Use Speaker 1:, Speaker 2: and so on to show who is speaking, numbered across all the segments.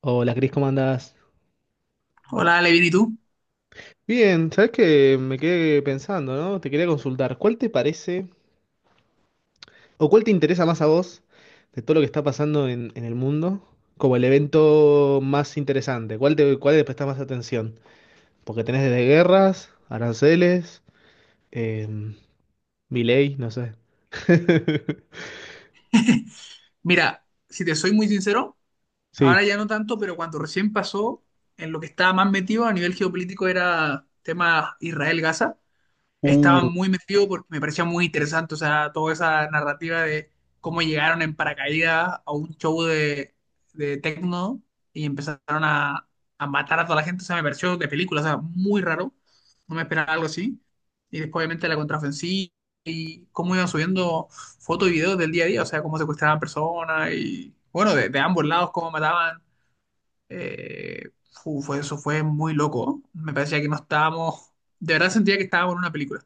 Speaker 1: Hola, Cris, ¿cómo andás?
Speaker 2: Hola, Levin, ¿y tú?
Speaker 1: Bien, sabes que me quedé pensando, ¿no? Te quería consultar, ¿cuál te parece o cuál te interesa más a vos de todo lo que está pasando en el mundo como el evento más interesante? ¿Cuál le prestás más atención? Porque tenés desde guerras, aranceles, em, Milei, no sé.
Speaker 2: Mira, si te soy muy sincero, ahora
Speaker 1: Sí.
Speaker 2: ya no tanto, pero cuando recién pasó, en lo que estaba más metido a nivel geopolítico era tema Israel-Gaza. Estaba
Speaker 1: Uh,
Speaker 2: muy metido porque me parecía muy interesante, o sea, toda esa narrativa de cómo llegaron en paracaídas a un show de techno y empezaron a matar a toda la gente, o sea, me pareció de película, o sea, muy raro, no me esperaba algo así. Y después, obviamente, la contraofensiva y cómo iban subiendo fotos y videos del día a día, o sea, cómo secuestraban personas y, bueno, de ambos lados, cómo mataban. eh, Eso fue muy loco. Me parecía que no estábamos, de verdad sentía que estábamos en una película.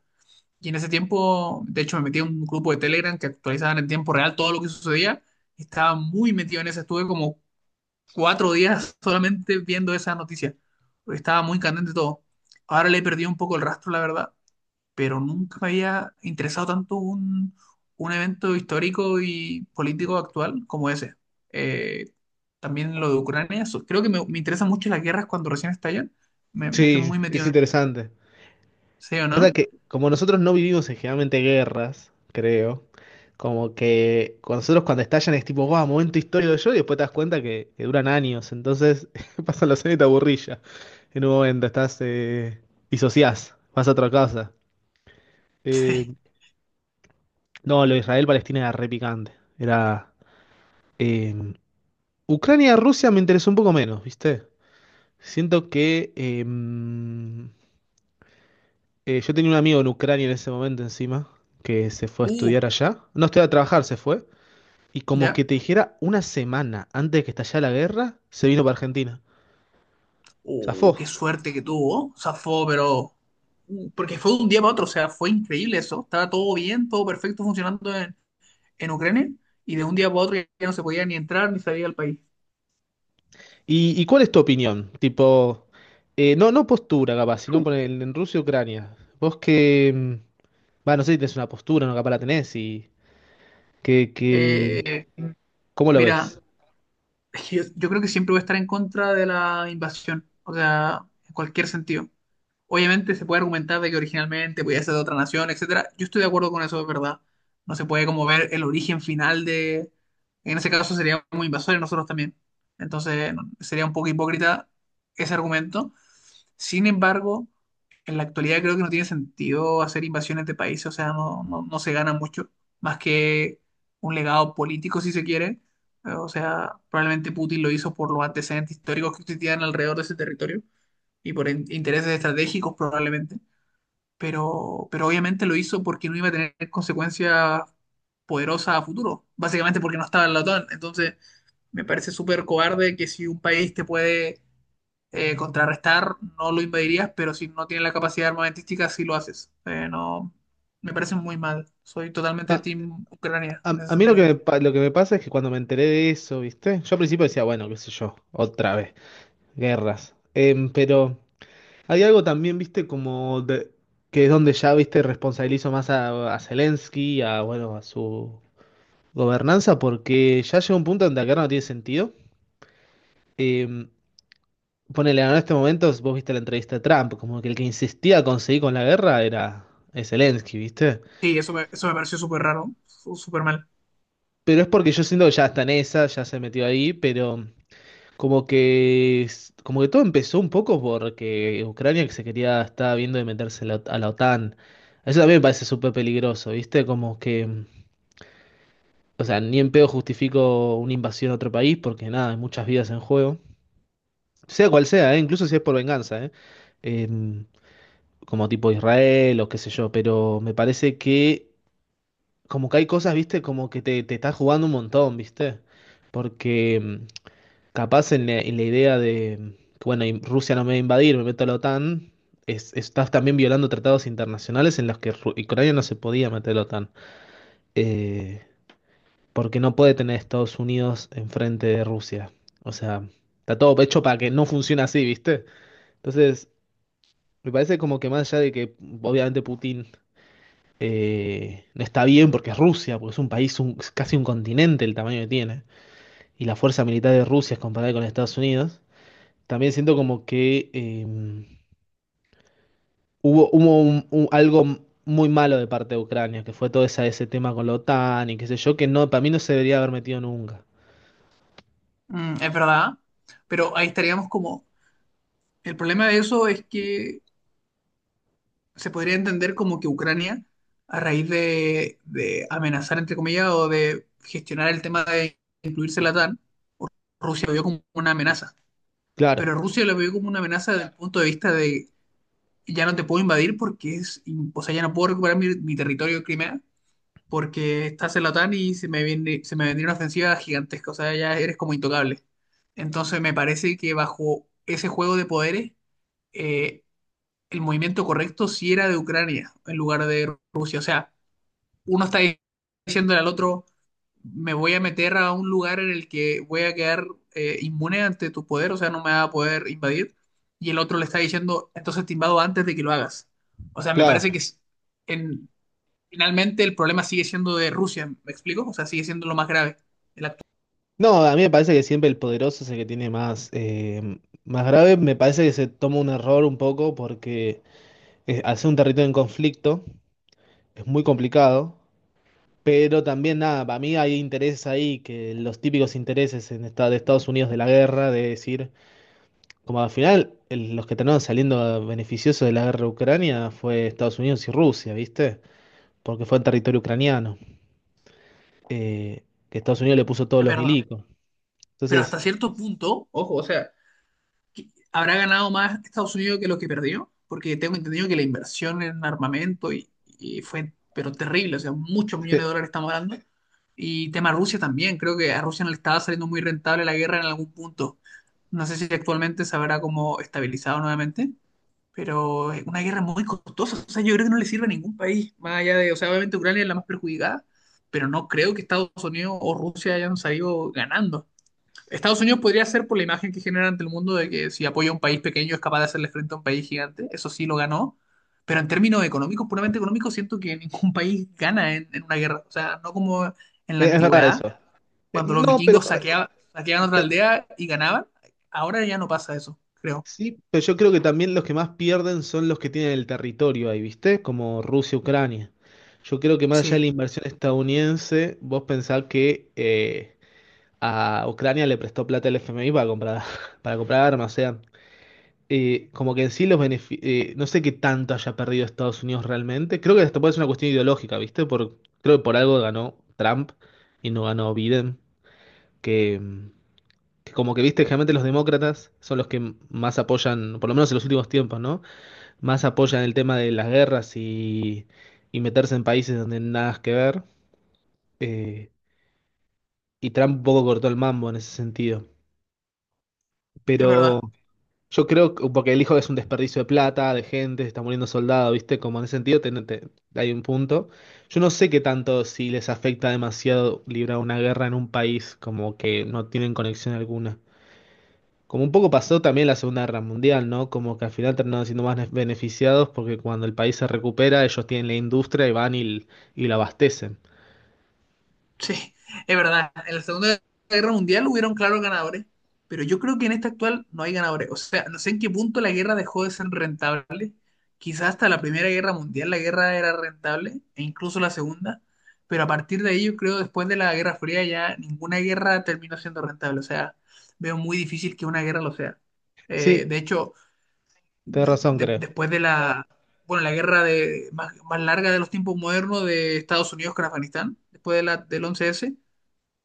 Speaker 2: Y en ese tiempo, de hecho, me metí a un grupo de Telegram que actualizaban en tiempo real todo lo que sucedía. Estaba muy metido en eso. Estuve como 4 días solamente viendo esa noticia, porque estaba muy candente todo. Ahora le he perdido un poco el rastro, la verdad, pero nunca me había interesado tanto un evento histórico y político actual como ese. Eh, También lo de Ucrania. Creo que me interesan mucho las guerras cuando recién estallan. Me estoy
Speaker 1: sí,
Speaker 2: muy metido
Speaker 1: es
Speaker 2: en eso.
Speaker 1: interesante.
Speaker 2: ¿Sí o
Speaker 1: Pasa
Speaker 2: no?
Speaker 1: que como nosotros no vivimos en generalmente guerras, creo, como que con nosotros cuando estallan es tipo, guau, momento histórico de yo, y después te das cuenta que duran años, entonces pasan los años y te aburrís ya. En un momento estás, disociás, vas a otra casa. Eh,
Speaker 2: Sí.
Speaker 1: no, lo de Israel-Palestina era re picante. Era... eh, Ucrania-Rusia me interesó un poco menos, ¿viste? Siento que... eh, yo tenía un amigo en Ucrania en ese momento encima, que se fue a
Speaker 2: Uh,
Speaker 1: estudiar allá. No estudiar a trabajar, se fue. Y como
Speaker 2: ya.
Speaker 1: que te dijera, una semana antes de que estallara la guerra, se vino para Argentina. Zafó.
Speaker 2: Oh, qué suerte que tuvo. Zafó, pero. Mm, porque fue de un día para otro, o sea, fue increíble eso. Estaba todo bien, todo perfecto funcionando en Ucrania, y de un día para otro ya no se podía ni entrar ni salir al país.
Speaker 1: Y cuál es tu opinión? Tipo, no, postura capaz, sino en Rusia y Ucrania. Vos que, va, no sé si tenés una postura, no capaz la tenés y que, que,
Speaker 2: Eh,
Speaker 1: ¿cómo lo
Speaker 2: Mira,
Speaker 1: ves?
Speaker 2: yo creo que siempre voy a estar en contra de la invasión, o sea, en cualquier sentido. Obviamente se puede argumentar de que originalmente podía ser de otra nación, etcétera. Yo estoy de acuerdo con eso, es verdad. No se puede como ver el origen final de... En ese caso sería muy invasores nosotros también. Entonces no, sería un poco hipócrita ese argumento. Sin embargo, en la actualidad creo que no tiene sentido hacer invasiones de países, o sea, no, no, no se gana mucho, más que un legado político si se quiere. O sea, probablemente Putin lo hizo por los antecedentes históricos que existían alrededor de ese territorio y por intereses estratégicos probablemente, pero obviamente lo hizo porque no iba a tener consecuencias poderosas a futuro, básicamente porque no estaba en la OTAN. Entonces, me parece súper cobarde que si un país te puede contrarrestar, no lo invadirías, pero si no tiene la capacidad armamentística, sí lo haces. No, Me parece muy mal. Soy totalmente
Speaker 1: A,
Speaker 2: team Ucrania en ese
Speaker 1: a mí
Speaker 2: sentido.
Speaker 1: lo que me pasa es que cuando me enteré de eso, ¿viste? Yo al principio decía, bueno, qué sé yo, otra vez. Guerras. Em, pero hay algo también, viste, que es donde ya, viste, responsabilizo más a Zelensky, a, bueno, a su gobernanza, porque ya llega un punto donde acá no tiene sentido. Em, Ponele, en este momento, vos viste la entrevista de Trump, como que el que insistía a conseguir con la guerra era es Zelensky, viste.
Speaker 2: Sí, eso me pareció súper raro, súper mal.
Speaker 1: Pero es porque yo siento que ya está en esa, ya se metió ahí, pero... Como que todo empezó un poco porque Ucrania que se quería, estaba viendo de meterse a la OTAN. Eso también me parece súper peligroso, ¿viste? Como que, o sea, ni en pedo justifico una invasión a otro país porque nada, hay muchas vidas en juego. Sea cual sea, ¿eh? Incluso si es por venganza, ¿eh? Em, Como tipo Israel o qué sé yo, pero me parece que como que hay cosas, ¿viste? Como que te estás jugando un montón, ¿viste? Porque... mm, Capaz en la idea de, que, bueno, Rusia no me va a invadir, me meto a la OTAN, estás también violando tratados internacionales en los que Ucrania no se podía meter a la OTAN, eh, porque no puede tener a Estados Unidos enfrente de Rusia. O sea, está todo hecho para que no funcione así, ¿viste? Entonces, me parece como que más allá de que obviamente Putin no está bien porque es Rusia, porque es un país, es casi un continente el tamaño que tiene, y la fuerza militar de Rusia es comparada con Estados Unidos. También siento como que hubo algo muy malo de parte de Ucrania, que fue todo esa, ese tema con la OTAN y qué sé yo, que no, para mí no se debería haber metido nunca.
Speaker 2: Mm, es verdad, pero ahí estaríamos como... El problema de eso es que se podría entender como que Ucrania, a raíz de amenazar, entre comillas, o de gestionar el tema de incluirse en la OTAN, Rusia lo vio como una amenaza.
Speaker 1: Claro,
Speaker 2: Pero Rusia lo vio como una amenaza desde el punto de vista de ya no te puedo invadir porque es, o sea, ya no puedo recuperar mi territorio de Crimea porque estás en la OTAN y se me vendría una ofensiva gigantesca, o sea, ya eres como intocable. Entonces me parece que bajo ese juego de poderes, eh, el movimiento correcto si era de Ucrania en lugar de Rusia. O sea, uno está diciéndole al otro, me voy a meter a un lugar en el que voy a quedar inmune ante tu poder, o sea, no me va a poder invadir. Y el otro le está diciendo, entonces te invado antes de que lo hagas. O sea, me parece que
Speaker 1: claro.
Speaker 2: en- finalmente el problema sigue siendo de Rusia, ¿me explico? O sea, sigue siendo lo más grave. el actual-
Speaker 1: No, a mí me parece que siempre el poderoso es el que tiene más, más grave. Me parece que se toma un error un poco porque al ser un territorio en conflicto es muy complicado. Pero también nada, para mí hay intereses ahí, que los típicos intereses en de Estados Unidos de la guerra, de decir, como al final, los que terminaron saliendo beneficiosos de la guerra de Ucrania fue Estados Unidos y Rusia, ¿viste? Porque fue en territorio ucraniano, eh, que Estados Unidos le puso todos
Speaker 2: es
Speaker 1: los
Speaker 2: verdad.
Speaker 1: milicos.
Speaker 2: Pero hasta
Speaker 1: Entonces,
Speaker 2: cierto punto, ojo, o sea, ¿habrá ganado más Estados Unidos que lo que perdió? Porque tengo entendido que la inversión en armamento y fue, pero terrible, o sea, muchos
Speaker 1: eh,
Speaker 2: millones de dólares estamos hablando. Y tema Rusia también, creo que a Rusia no le estaba saliendo muy rentable la guerra en algún punto. No sé si actualmente se habrá como estabilizado nuevamente, pero es una guerra muy costosa. O sea, yo creo que no le sirve a ningún país, más allá de, o sea, obviamente Ucrania es la más perjudicada, pero no creo que Estados Unidos o Rusia hayan salido ganando. Estados Unidos podría ser por la imagen que genera ante el mundo de que si apoya a un país pequeño es capaz de hacerle frente a un país gigante. Eso sí lo ganó. Pero en términos económicos, puramente económicos, siento que ningún país gana en una guerra. O sea, no como en la
Speaker 1: es verdad
Speaker 2: antigüedad,
Speaker 1: eso.
Speaker 2: cuando los
Speaker 1: No, pero
Speaker 2: vikingos saqueaban otra
Speaker 1: te-
Speaker 2: aldea y ganaban. Ahora ya no pasa eso, creo.
Speaker 1: Sí, pero yo creo que también los que más pierden son los que tienen el territorio ahí, ¿viste? Como Rusia, Ucrania. Yo creo que más allá de la
Speaker 2: Sí,
Speaker 1: inversión estadounidense, vos pensás que a Ucrania le prestó plata el FMI para comprar, para comprar armas, o sea. Como que en sí no sé qué tanto haya perdido Estados Unidos realmente. Creo que hasta puede ser una cuestión ideológica, ¿viste? Por, creo que por algo ganó Trump y no ganó Biden, que, mm, que como que, viste, generalmente los demócratas son los que más apoyan, por lo menos en los últimos tiempos, ¿no? Más apoyan el tema de las guerras y meterse en países donde nada que ver. eh, y Trump un poco cortó el mambo en ese sentido.
Speaker 2: es
Speaker 1: Pero...
Speaker 2: verdad.
Speaker 1: Yo creo, porque el hijo es un desperdicio de plata, de gente, se está muriendo soldado, ¿viste? Como en ese sentido hay un punto. Yo no sé qué tanto si les afecta demasiado librar una guerra en un país, como que no tienen conexión alguna. Como un poco pasó también la Segunda Guerra Mundial, ¿no? Como que al final terminaron siendo más beneficiados porque cuando el país se recupera, ellos tienen la industria y van y la abastecen.
Speaker 2: Sí, es verdad. En la Segunda Guerra Mundial hubieron claros ganadores, pero yo creo que en esta actual no hay ganadores. O sea, no sé en qué punto la guerra dejó de ser rentable. Quizás hasta la Primera Guerra Mundial la guerra era rentable, e incluso la Segunda, pero a partir de ahí yo creo después de la Guerra Fría ya ninguna guerra terminó siendo rentable. O sea, veo muy difícil que una guerra lo sea.
Speaker 1: Sí,
Speaker 2: De hecho,
Speaker 1: tenés razón, creo.
Speaker 2: después de la, bueno, la guerra más larga de los tiempos modernos de Estados Unidos con Afganistán, después de la, del 11-S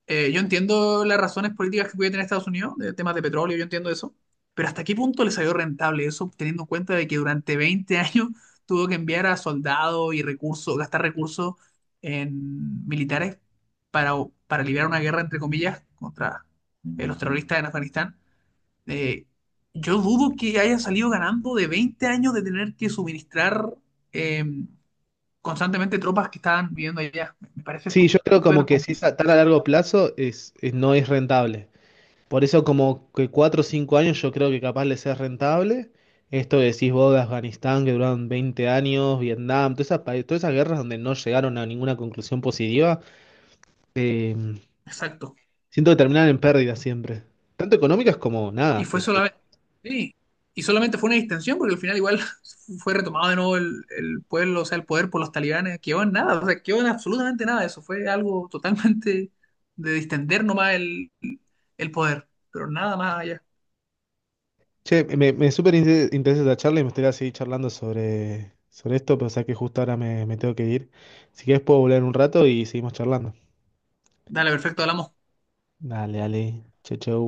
Speaker 2: yo entiendo las razones políticas que puede tener Estados Unidos, de temas de petróleo, yo entiendo eso, pero ¿hasta qué punto le salió rentable eso, teniendo en cuenta de que durante 20 años tuvo que enviar a soldados y recursos, gastar recursos en militares para, para liberar una guerra, entre comillas, contra los terroristas en Afganistán? Eh, yo dudo que haya salido ganando de 20 años de tener que suministrar eh, constantemente tropas que estaban viviendo allá. Me parece
Speaker 1: Sí, yo creo como
Speaker 2: súper
Speaker 1: que si es
Speaker 2: complicado.
Speaker 1: a tan a largo plazo, no es rentable. Por eso como que 4 o 5 años yo creo que capaz les es rentable. Esto que decís vos de Afganistán, que duraron 20 años, Vietnam, todas esas, todas esas guerras donde no llegaron a ninguna conclusión positiva, eh,
Speaker 2: Exacto.
Speaker 1: siento que terminan en pérdidas siempre. Tanto económicas como
Speaker 2: Y
Speaker 1: nada.
Speaker 2: fue solamente, sí, y solamente fue una distensión porque al final igual fue retomado de nuevo el pueblo, o sea, el poder por los talibanes, quedó en nada, o sea, quedó en absolutamente nada, eso fue algo totalmente de distender nomás el poder, pero nada más allá.
Speaker 1: Che, me súper interesa esta charla y me gustaría seguir charlando sobre esto, pero sé que justo ahora me tengo que ir. Si querés puedo volver un rato y seguimos charlando.
Speaker 2: Dale, perfecto, hablamos.
Speaker 1: Dale. Chau, chau.